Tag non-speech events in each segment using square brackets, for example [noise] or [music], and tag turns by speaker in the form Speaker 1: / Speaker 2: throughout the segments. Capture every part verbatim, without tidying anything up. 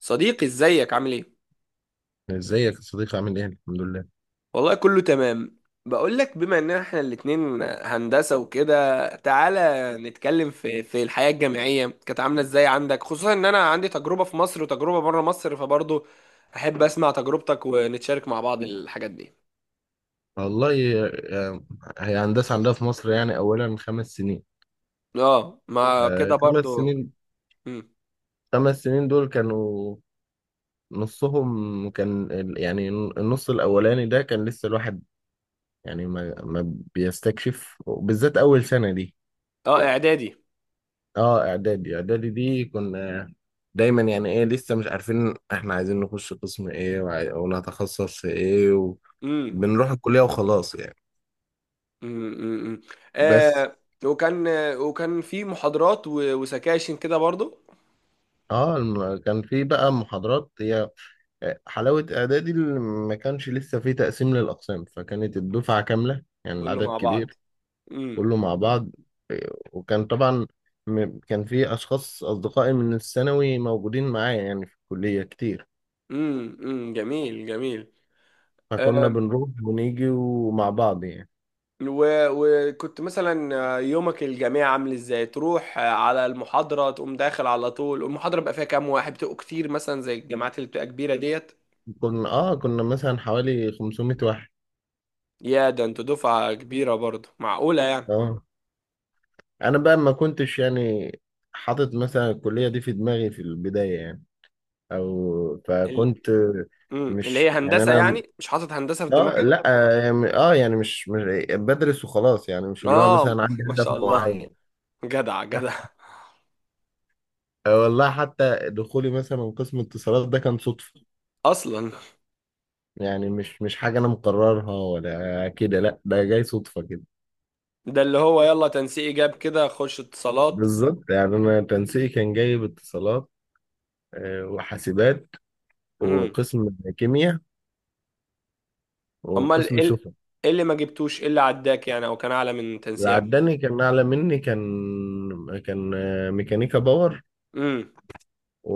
Speaker 1: صديقي، ازيك؟ عامل ايه؟
Speaker 2: ازيك يا صديقي، عامل ايه؟ الحمد لله.
Speaker 1: والله كله تمام. بقول لك، بما ان احنا الاتنين هندسة وكده، تعالى نتكلم في في الحياة الجامعية، كانت عاملة ازاي عندك؟ خصوصا ان انا عندي تجربة في مصر وتجربة بره مصر، فبرضه احب اسمع تجربتك ونتشارك مع بعض الحاجات دي.
Speaker 2: والله آه، هي هندسة عندها في مصر، يعني أولا خمس سنين.
Speaker 1: اه، ما
Speaker 2: آه،
Speaker 1: كده
Speaker 2: خمس
Speaker 1: برضه.
Speaker 2: سنين.
Speaker 1: مم.
Speaker 2: خمس سنين دول كانوا نصهم كان ال- يعني النص الأولاني ده كان لسه الواحد يعني ما ما بيستكشف، بالذات أول سنة دي.
Speaker 1: اه، اعدادي.
Speaker 2: اه إعدادي إعدادي دي كنا دايما يعني ايه لسه مش عارفين احنا عايزين نخش قسم ايه وعاي- ونتخصص في ايه،
Speaker 1: امم،
Speaker 2: وبنروح الكلية وخلاص يعني.
Speaker 1: امم،
Speaker 2: بس
Speaker 1: آه. وكان وكان في محاضرات و- وسكاشن كده برضه.
Speaker 2: اه الم- كان في بقى محاضرات هي. آه، حلاوة اعدادي اللي ما كانش لسه في تقسيم للاقسام، فكانت الدفعة كاملة يعني
Speaker 1: كله
Speaker 2: العدد
Speaker 1: مع بعض.
Speaker 2: كبير،
Speaker 1: امم،
Speaker 2: كله مع بعض. آه، وكان طبعا م- كان في اشخاص اصدقائي من الثانوي موجودين معايا يعني في الكلية كتير،
Speaker 1: امم، امم، جميل جميل.
Speaker 2: فكنا
Speaker 1: آم،
Speaker 2: بنروح ونيجي ومع بعض يعني.
Speaker 1: و- وكنت مثلا، آه، يومك الجامعي عامل ازاي؟ تروح آه، على المحاضرة، تقوم داخل على طول، المحاضرة بقى فيها كام واحد؟ بتبقوا كتير مثلا زي الجامعات اللي بتبقى كبيرة ديت؟
Speaker 2: كنا اه كنا مثلا حوالي خمسمائة واحد.
Speaker 1: يا ده انتوا دفعة كبيرة برضه، معقولة يعني؟
Speaker 2: اه، انا بقى ما كنتش يعني حاطط مثلا الكلية دي في دماغي في البداية يعني، او
Speaker 1: ال...
Speaker 2: فكنت
Speaker 1: امم، اللي هي
Speaker 2: مش يعني
Speaker 1: هندسة
Speaker 2: انا.
Speaker 1: يعني، مش حاطط هندسة في
Speaker 2: اه
Speaker 1: دماغك؟
Speaker 2: لا يعني اه يعني مش مش بدرس وخلاص يعني، مش اللي هو
Speaker 1: اه
Speaker 2: مثلا
Speaker 1: [laughs]
Speaker 2: عندي
Speaker 1: ما
Speaker 2: هدف
Speaker 1: شاء الله،
Speaker 2: معين.
Speaker 1: جدع جدع.
Speaker 2: آه، والله حتى دخولي مثلا قسم اتصالات ده كان صدفة
Speaker 1: اصلا؟
Speaker 2: يعني، مش مش حاجة انا مقررها ولا كده، لا ده جاي صدفة كده.
Speaker 1: ده اللي هو يلا تنسيق جاب كده، خش اتصالات.
Speaker 2: بالظبط يعني انا تنسيقي كان جايب اتصالات، آه، وحاسبات
Speaker 1: امم.
Speaker 2: وقسم كيمياء
Speaker 1: امال ايه
Speaker 2: وقسم
Speaker 1: ال-
Speaker 2: سفن،
Speaker 1: إيه اللي ما جبتوش؟ ايه اللي عداك يعني او كان اعلى من تنسيقك؟
Speaker 2: وعداني كان اعلى مني، كان كان آه، ميكانيكا باور
Speaker 1: امم،
Speaker 2: و...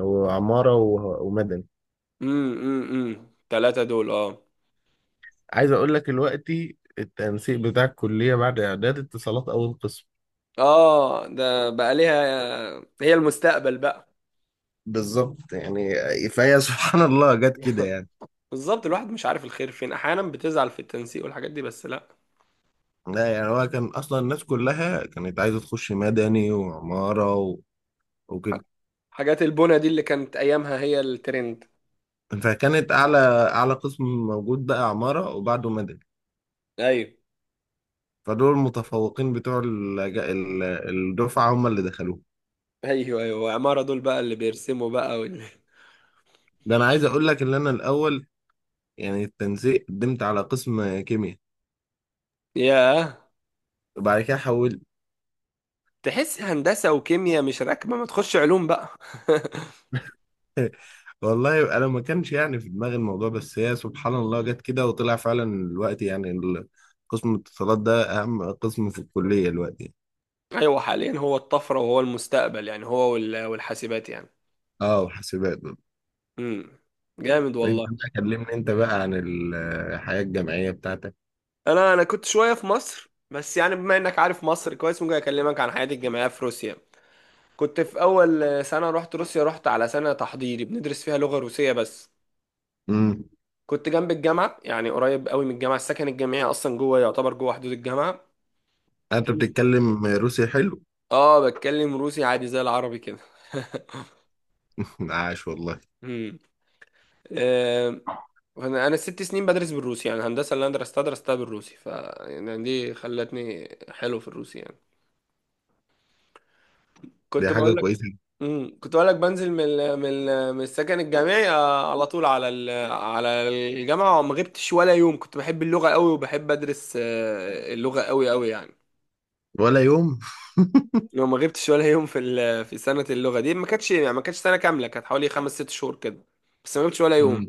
Speaker 2: وعمارة و... ومدني.
Speaker 1: امم، امم، ثلاثة دول، اه.
Speaker 2: عايز أقول لك دلوقتي التنسيق بتاع الكلية بعد إعداد اتصالات أول قسم.
Speaker 1: اه، ده بقى ليها، هي المستقبل بقى.
Speaker 2: بالظبط يعني، فهي سبحان الله جت كده يعني.
Speaker 1: بالظبط، الواحد مش عارف الخير فين، احيانا بتزعل في التنسيق والحاجات دي، بس لا.
Speaker 2: لا يعني، هو كان أصلا الناس كلها كانت عايزة تخش مدني وعمارة و... وكده.
Speaker 1: حاجات البونة دي اللي كانت ايامها هي الترند.
Speaker 2: فكانت أعلى أعلى قسم موجود بقى عمارة وبعده مدني،
Speaker 1: ايوه،
Speaker 2: فدول المتفوقين بتوع الج- ال- الدفعة هم اللي دخلوه.
Speaker 1: ايوه، ايوه. وعمارة دول بقى اللي بيرسموا بقى وال... [laughs]
Speaker 2: ده أنا عايز أقول لك إن أنا الأول يعني التنسيق قدمت على قسم كيمياء
Speaker 1: ياه.
Speaker 2: وبعد كده حول.
Speaker 1: تحس هندسة وكيمياء مش راكبة، ما تخش علوم بقى. [laughs]
Speaker 2: [laughs] والله انا ما كانش يعني في دماغي الموضوع، بس هي سبحان الله جت كده وطلع فعلا الوقت يعني ال- قسم الاتصالات ده اهم قسم في الكلية الوقت يعني.
Speaker 1: ايوه، حاليا هو الطفره وهو المستقبل يعني، هو وال- والحاسبات يعني.
Speaker 2: اه، وحاسبات برضه.
Speaker 1: امم، جامد
Speaker 2: انت
Speaker 1: والله.
Speaker 2: بقى كلمني انت بقى عن ال- الحياة الجامعية بتاعتك.
Speaker 1: انا انا كنت شويه في مصر، بس يعني بما انك عارف مصر كويس، ممكن اكلمك عن حياتي الجامعيه في روسيا. كنت في اول سنه رحت روسيا، رحت على سنه تحضيري بندرس فيها لغه روسيه بس.
Speaker 2: امم،
Speaker 1: كنت جنب الجامعه يعني، قريب قوي من الجامعه، السكن الجامعي اصلا جوه، يعتبر جوه حدود الجامعه.
Speaker 2: انت
Speaker 1: تنزل.
Speaker 2: بتتكلم روسي حلو.
Speaker 1: اه، بتكلم روسي عادي زي العربي كده.
Speaker 2: [laughs] عاش والله.
Speaker 1: [laughs] آه، انا أنا ست سنين بدرس بالروسي يعني، الهندسه اللي انا درستها درستها بالروسي، ف يعني دي خلتني حلو في الروسي يعني.
Speaker 2: دي
Speaker 1: كنت
Speaker 2: حاجة
Speaker 1: بقول لك.
Speaker 2: كويسة.
Speaker 1: امم، كنت بقول لك بنزل من ال- من ال- من السكن الجامعي آه، على طول على ال- على الجامعه، وما غبتش ولا يوم. كنت بحب اللغه قوي، وبحب ادرس آه، اللغه قوي قوي يعني.
Speaker 2: ولا يوم. [laughs]
Speaker 1: لو ما غبتش ولا يوم في ال- في سنه اللغه دي. ما كانتش يعني ما كانتش سنه كامله، كانت حوالي خمس ست شهور كده، بس ما غبتش ولا يوم.
Speaker 2: امم،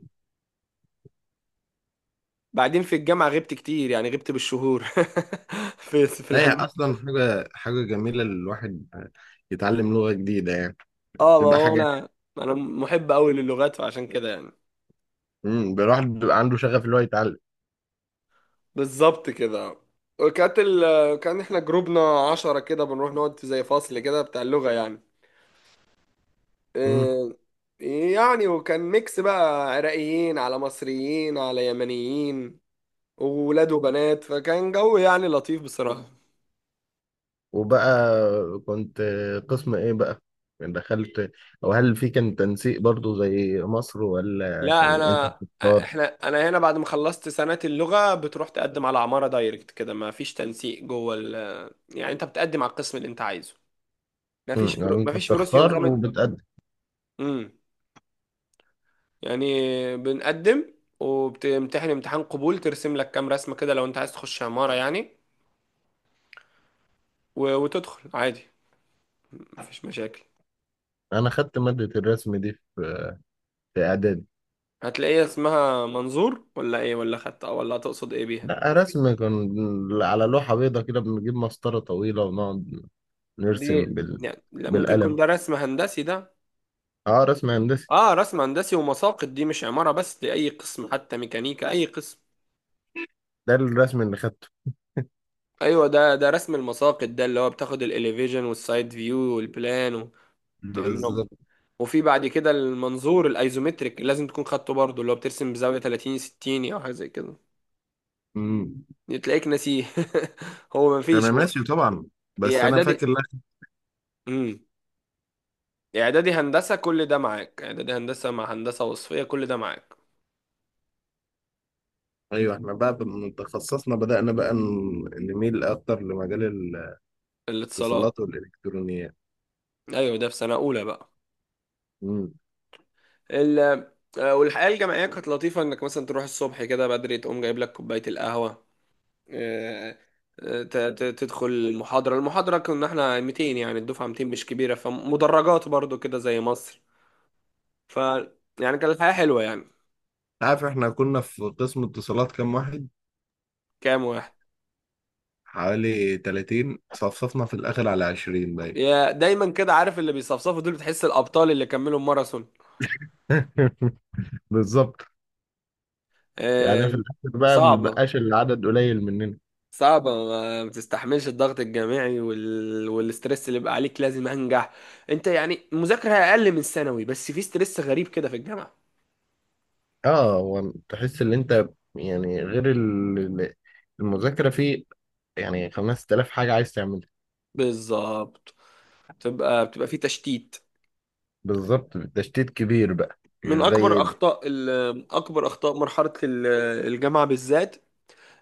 Speaker 1: بعدين في الجامعه غبت كتير يعني، غبت بالشهور [laughs] في في
Speaker 2: هي
Speaker 1: الهندسه.
Speaker 2: اصلا حاجة حاجة جميلة الواحد يتعلم لغة جديدة يعني،
Speaker 1: اه، ما
Speaker 2: تبقى
Speaker 1: هو
Speaker 2: حاجة.
Speaker 1: انا، انا محب قوي للغات، فعشان كده يعني.
Speaker 2: امم، الواحد بيبقى عنده شغف اللي هو يتعلم.
Speaker 1: بالظبط كده. وكانت ال... كان احنا جروبنا عشرة كده، بنروح نقعد في زي فصل كده بتاع اللغة يعني.
Speaker 2: مم.
Speaker 1: إيه... يعني وكان ميكس بقى، عراقيين على مصريين على يمنيين وولاد وبنات، فكان جو يعني لطيف بصراحة.
Speaker 2: وبقى كنت قسم ايه بقى يعني دخلت، او هل في كان تنسيق برضو زي مصر، ولا
Speaker 1: لا،
Speaker 2: كان انت
Speaker 1: انا
Speaker 2: بتختار؟
Speaker 1: احنا انا هنا بعد ما خلصت سنة اللغة بتروح تقدم على عمارة دايركت كده، ما فيش تنسيق جوه ال... يعني انت بتقدم على القسم اللي انت عايزه. ما
Speaker 2: مم.
Speaker 1: فيش في... رو-
Speaker 2: يعني
Speaker 1: ما
Speaker 2: انت
Speaker 1: فيش في روسيا
Speaker 2: بتختار
Speaker 1: نظام.
Speaker 2: وبتقدم.
Speaker 1: امم. يعني بنقدم وبتمتحن امتحان قبول، ترسم لك كام رسمة كده لو انت عايز تخش عمارة يعني، و... وتدخل عادي، ما فيش مشاكل.
Speaker 2: انا خدت مادة الرسم دي في في اعدادي.
Speaker 1: هتلاقيها اسمها منظور ولا ايه؟ ولا خدت؟ ولا تقصد ايه بيها؟
Speaker 2: لا، رسم كان على لوحة بيضاء كده، بنجيب مسطرة طويلة ونقعد
Speaker 1: دي
Speaker 2: نرسم بال...
Speaker 1: يعني، لا، ممكن يكون
Speaker 2: بالقلم.
Speaker 1: ده رسم هندسي ده.
Speaker 2: اه، رسم هندسي.
Speaker 1: اه، رسم هندسي ومساقط، دي مش عمارة بس، دي اي قسم، حتى ميكانيكا اي قسم.
Speaker 2: ده الرسم اللي خدته.
Speaker 1: ايوه، ده ده رسم المساقط ده، اللي هو بتاخد الاليفيجن والسايد فيو والبلان وتعمله.
Speaker 2: بالظبط.
Speaker 1: وفي بعد كده المنظور الايزومتريك اللي لازم تكون خدته برضه، اللي هو بترسم بزاوية ثلاثين ستين او حاجة زي كده.
Speaker 2: مم.
Speaker 1: تلاقيك ناسيه. [laughs] هو
Speaker 2: انا
Speaker 1: مفيش هو،
Speaker 2: ناسي طبعا،
Speaker 1: هي
Speaker 2: بس انا
Speaker 1: اعدادي.
Speaker 2: فاكر.
Speaker 1: امم، اعدادي هندسة كل ده معاك، اعدادي هندسة مع هندسة وصفية كل ده معاك.
Speaker 2: ايوه، احنا بعد ما تخصصنا بدأنا بقى ن- نميل اكتر لمجال
Speaker 1: الاتصالات.
Speaker 2: الاتصالات والالكترونيات.
Speaker 1: ايوه، ده في سنة اولى بقى.
Speaker 2: امم.
Speaker 1: ال آه، والحياة الجامعية كانت لطيفة، انك مثلا تروح الصبح كده بدري، تقوم جايب لك كوباية القهوة، آه، آه، ت- ت- تدخل المحاضرة. المحاضرة كنا احنا ميتين يعني، الدفعة ميتين، مش كبيرة، فمدرجات برضو كده زي مصر. ف يعني كان الحياة حلوة يعني.
Speaker 2: عارف احنا كنا في قسم اتصالات كام واحد؟
Speaker 1: كام واحد؟
Speaker 2: حوالي تلاتين صفصفنا في الاخر على عشرين باين.
Speaker 1: يا دايما كده، عارف؟ اللي بيصفصفوا دول بتحس الأبطال اللي كملوا الماراثون.
Speaker 2: [laughs] بالظبط
Speaker 1: آه،
Speaker 2: يعني في الاخر بقى
Speaker 1: صعبة،
Speaker 2: مبقاش العدد قليل مننا.
Speaker 1: صعبة ما بتستحملش الضغط الجامعي وال... والستريس اللي بقى عليك، لازم أنجح. أنت يعني مذاكرة أقل من ثانوي، بس في ستريس غريب كده في الجامعة.
Speaker 2: اه، هو تحس ان انت يعني غير ال- ال- المذاكره في يعني خمس تلاف حاجه عايز تعملها.
Speaker 1: بالظبط. بتبقى بتبقى في تشتيت.
Speaker 2: بالظبط، تشتيت كبير بقى
Speaker 1: من
Speaker 2: مش
Speaker 1: أكبر
Speaker 2: زي.
Speaker 1: أخطاء ال... أكبر أخطاء مرحلة ال- الجامعة بالذات،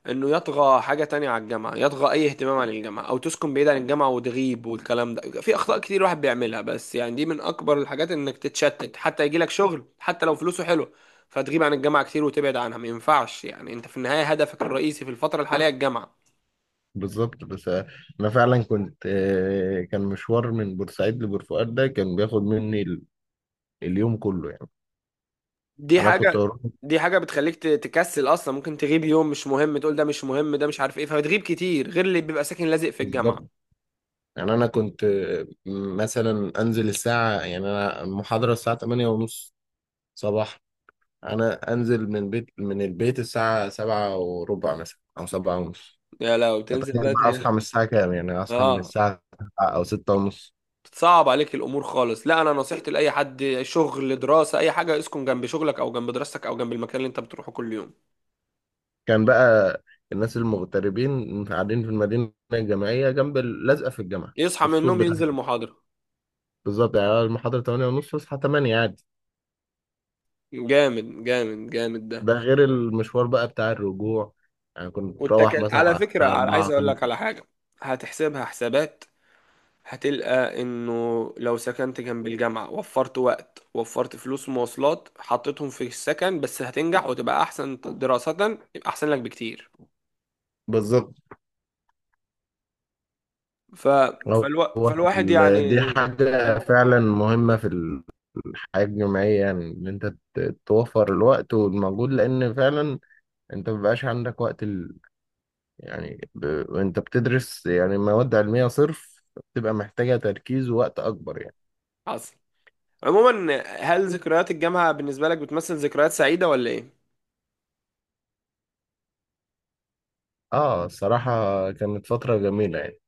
Speaker 1: انه يطغى حاجة تانية على الجامعة، يطغى اي اهتمام عن الجامعة، او تسكن بعيد عن الجامعة وتغيب، والكلام ده، في اخطاء كتير الواحد بيعملها، بس يعني دي من اكبر الحاجات، انك تتشتت حتى يجيلك شغل، حتى لو فلوسه حلو، فتغيب عن الجامعة كتير وتبعد عنها. ما ينفعش يعني، انت في النهاية هدفك الرئيسي في الفترة الحالية الجامعة.
Speaker 2: بالظبط. بس انا فعلا كنت، آه، كان مشوار من بورسعيد لبورفؤاد ده كان بياخد مني ال- اليوم كله يعني.
Speaker 1: دي
Speaker 2: انا كنت
Speaker 1: حاجة،
Speaker 2: بروح.
Speaker 1: دي حاجة بتخليك ت- تكسل اصلا. ممكن تغيب يوم مش مهم، تقول ده مش مهم، ده مش عارف ايه، فتغيب كتير، غير اللي بيبقى ساكن لازق في الجامعة.
Speaker 2: بالظبط يعني انا كنت آه، مثلا انزل الساعه، يعني انا المحاضره الساعه تمانية ونص صباح، انا انزل من بيت من البيت الساعه سبعة وربع مثلا او سبعة ونص،
Speaker 1: يا لو تنزل
Speaker 2: فتخيل بقى
Speaker 1: بدري.
Speaker 2: اصحى من الساعه كام، يعني اصحى من
Speaker 1: اه،
Speaker 2: الساعه السابعة او ستة ونص.
Speaker 1: بتصعب عليك الامور خالص. لا، انا نصيحتي لاي حد شغل دراسه اي حاجه، اسكن جنب شغلك او جنب دراستك او جنب المكان اللي انت بتروحه كل يوم.
Speaker 2: كان بقى الناس المغتربين قاعدين في المدينة الجامعية، جنب ال- لازقة في الجامعة في
Speaker 1: يصحى من
Speaker 2: السور
Speaker 1: النوم
Speaker 2: بتاعها.
Speaker 1: ينزل المحاضره.
Speaker 2: بالظبط يعني المحاضرة تمانية ونص تصحى تمانية عادي.
Speaker 1: جامد جامد جامد ده.
Speaker 2: ده غير المشوار بقى بتاع الرجوع، يعني كنت بروح
Speaker 1: والتكل
Speaker 2: مثلا
Speaker 1: على
Speaker 2: على
Speaker 1: فكره،
Speaker 2: الساعة
Speaker 1: على-
Speaker 2: أربعة
Speaker 1: عايز اقول لك
Speaker 2: الخامسة.
Speaker 1: على حاجه، هتحسبها حسابات، هتلقى انه لو سكنت جنب الجامعه وفرت وقت، وفرت فلوس مواصلات حطيتهم في السكن، بس هتنجح وتبقى احسن دراسه، يبقى احسن لك بكتير.
Speaker 2: بالظبط.
Speaker 1: ف...
Speaker 2: أو
Speaker 1: فالو... فالواحد
Speaker 2: ال- دي
Speaker 1: يعني.
Speaker 2: حاجة فعلا مهمة في ال- الحياة الجامعية يعني إن أنت ت- توفر الوقت والمجهود، لأن فعلا أنت مبيبقاش عندك وقت يعني ب... وانت بتدرس يعني مواد علمية صرف، بتبقى محتاجة تركيز ووقت أكبر يعني.
Speaker 1: حصل. عموما، هل ذكريات الجامعة بالنسبة لك بتمثل ذكريات سعيدة ولا ايه؟
Speaker 2: اه، الصراحة كانت فترة جميلة يعني،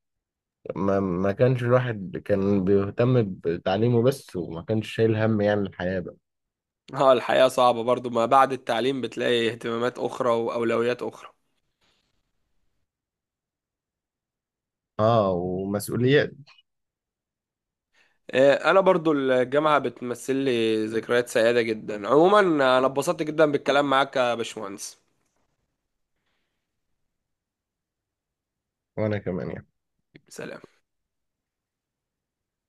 Speaker 2: ما, ما كانش الواحد كان بيهتم بتعليمه بس، وما كانش شايل هم يعني الحياة بقى.
Speaker 1: اه، الحياة صعبة برضو ما بعد التعليم، بتلاقي اهتمامات أخرى وأولويات أخرى.
Speaker 2: اه، ومسؤوليات.
Speaker 1: آه، أنا برضو الجامعة بتمثل لي ذكريات سعيدة جدا. عموما أنا اتبسطت جدا بالكلام معاك يا باشمهندس.
Speaker 2: وأنا كمان يعني.
Speaker 1: سلام.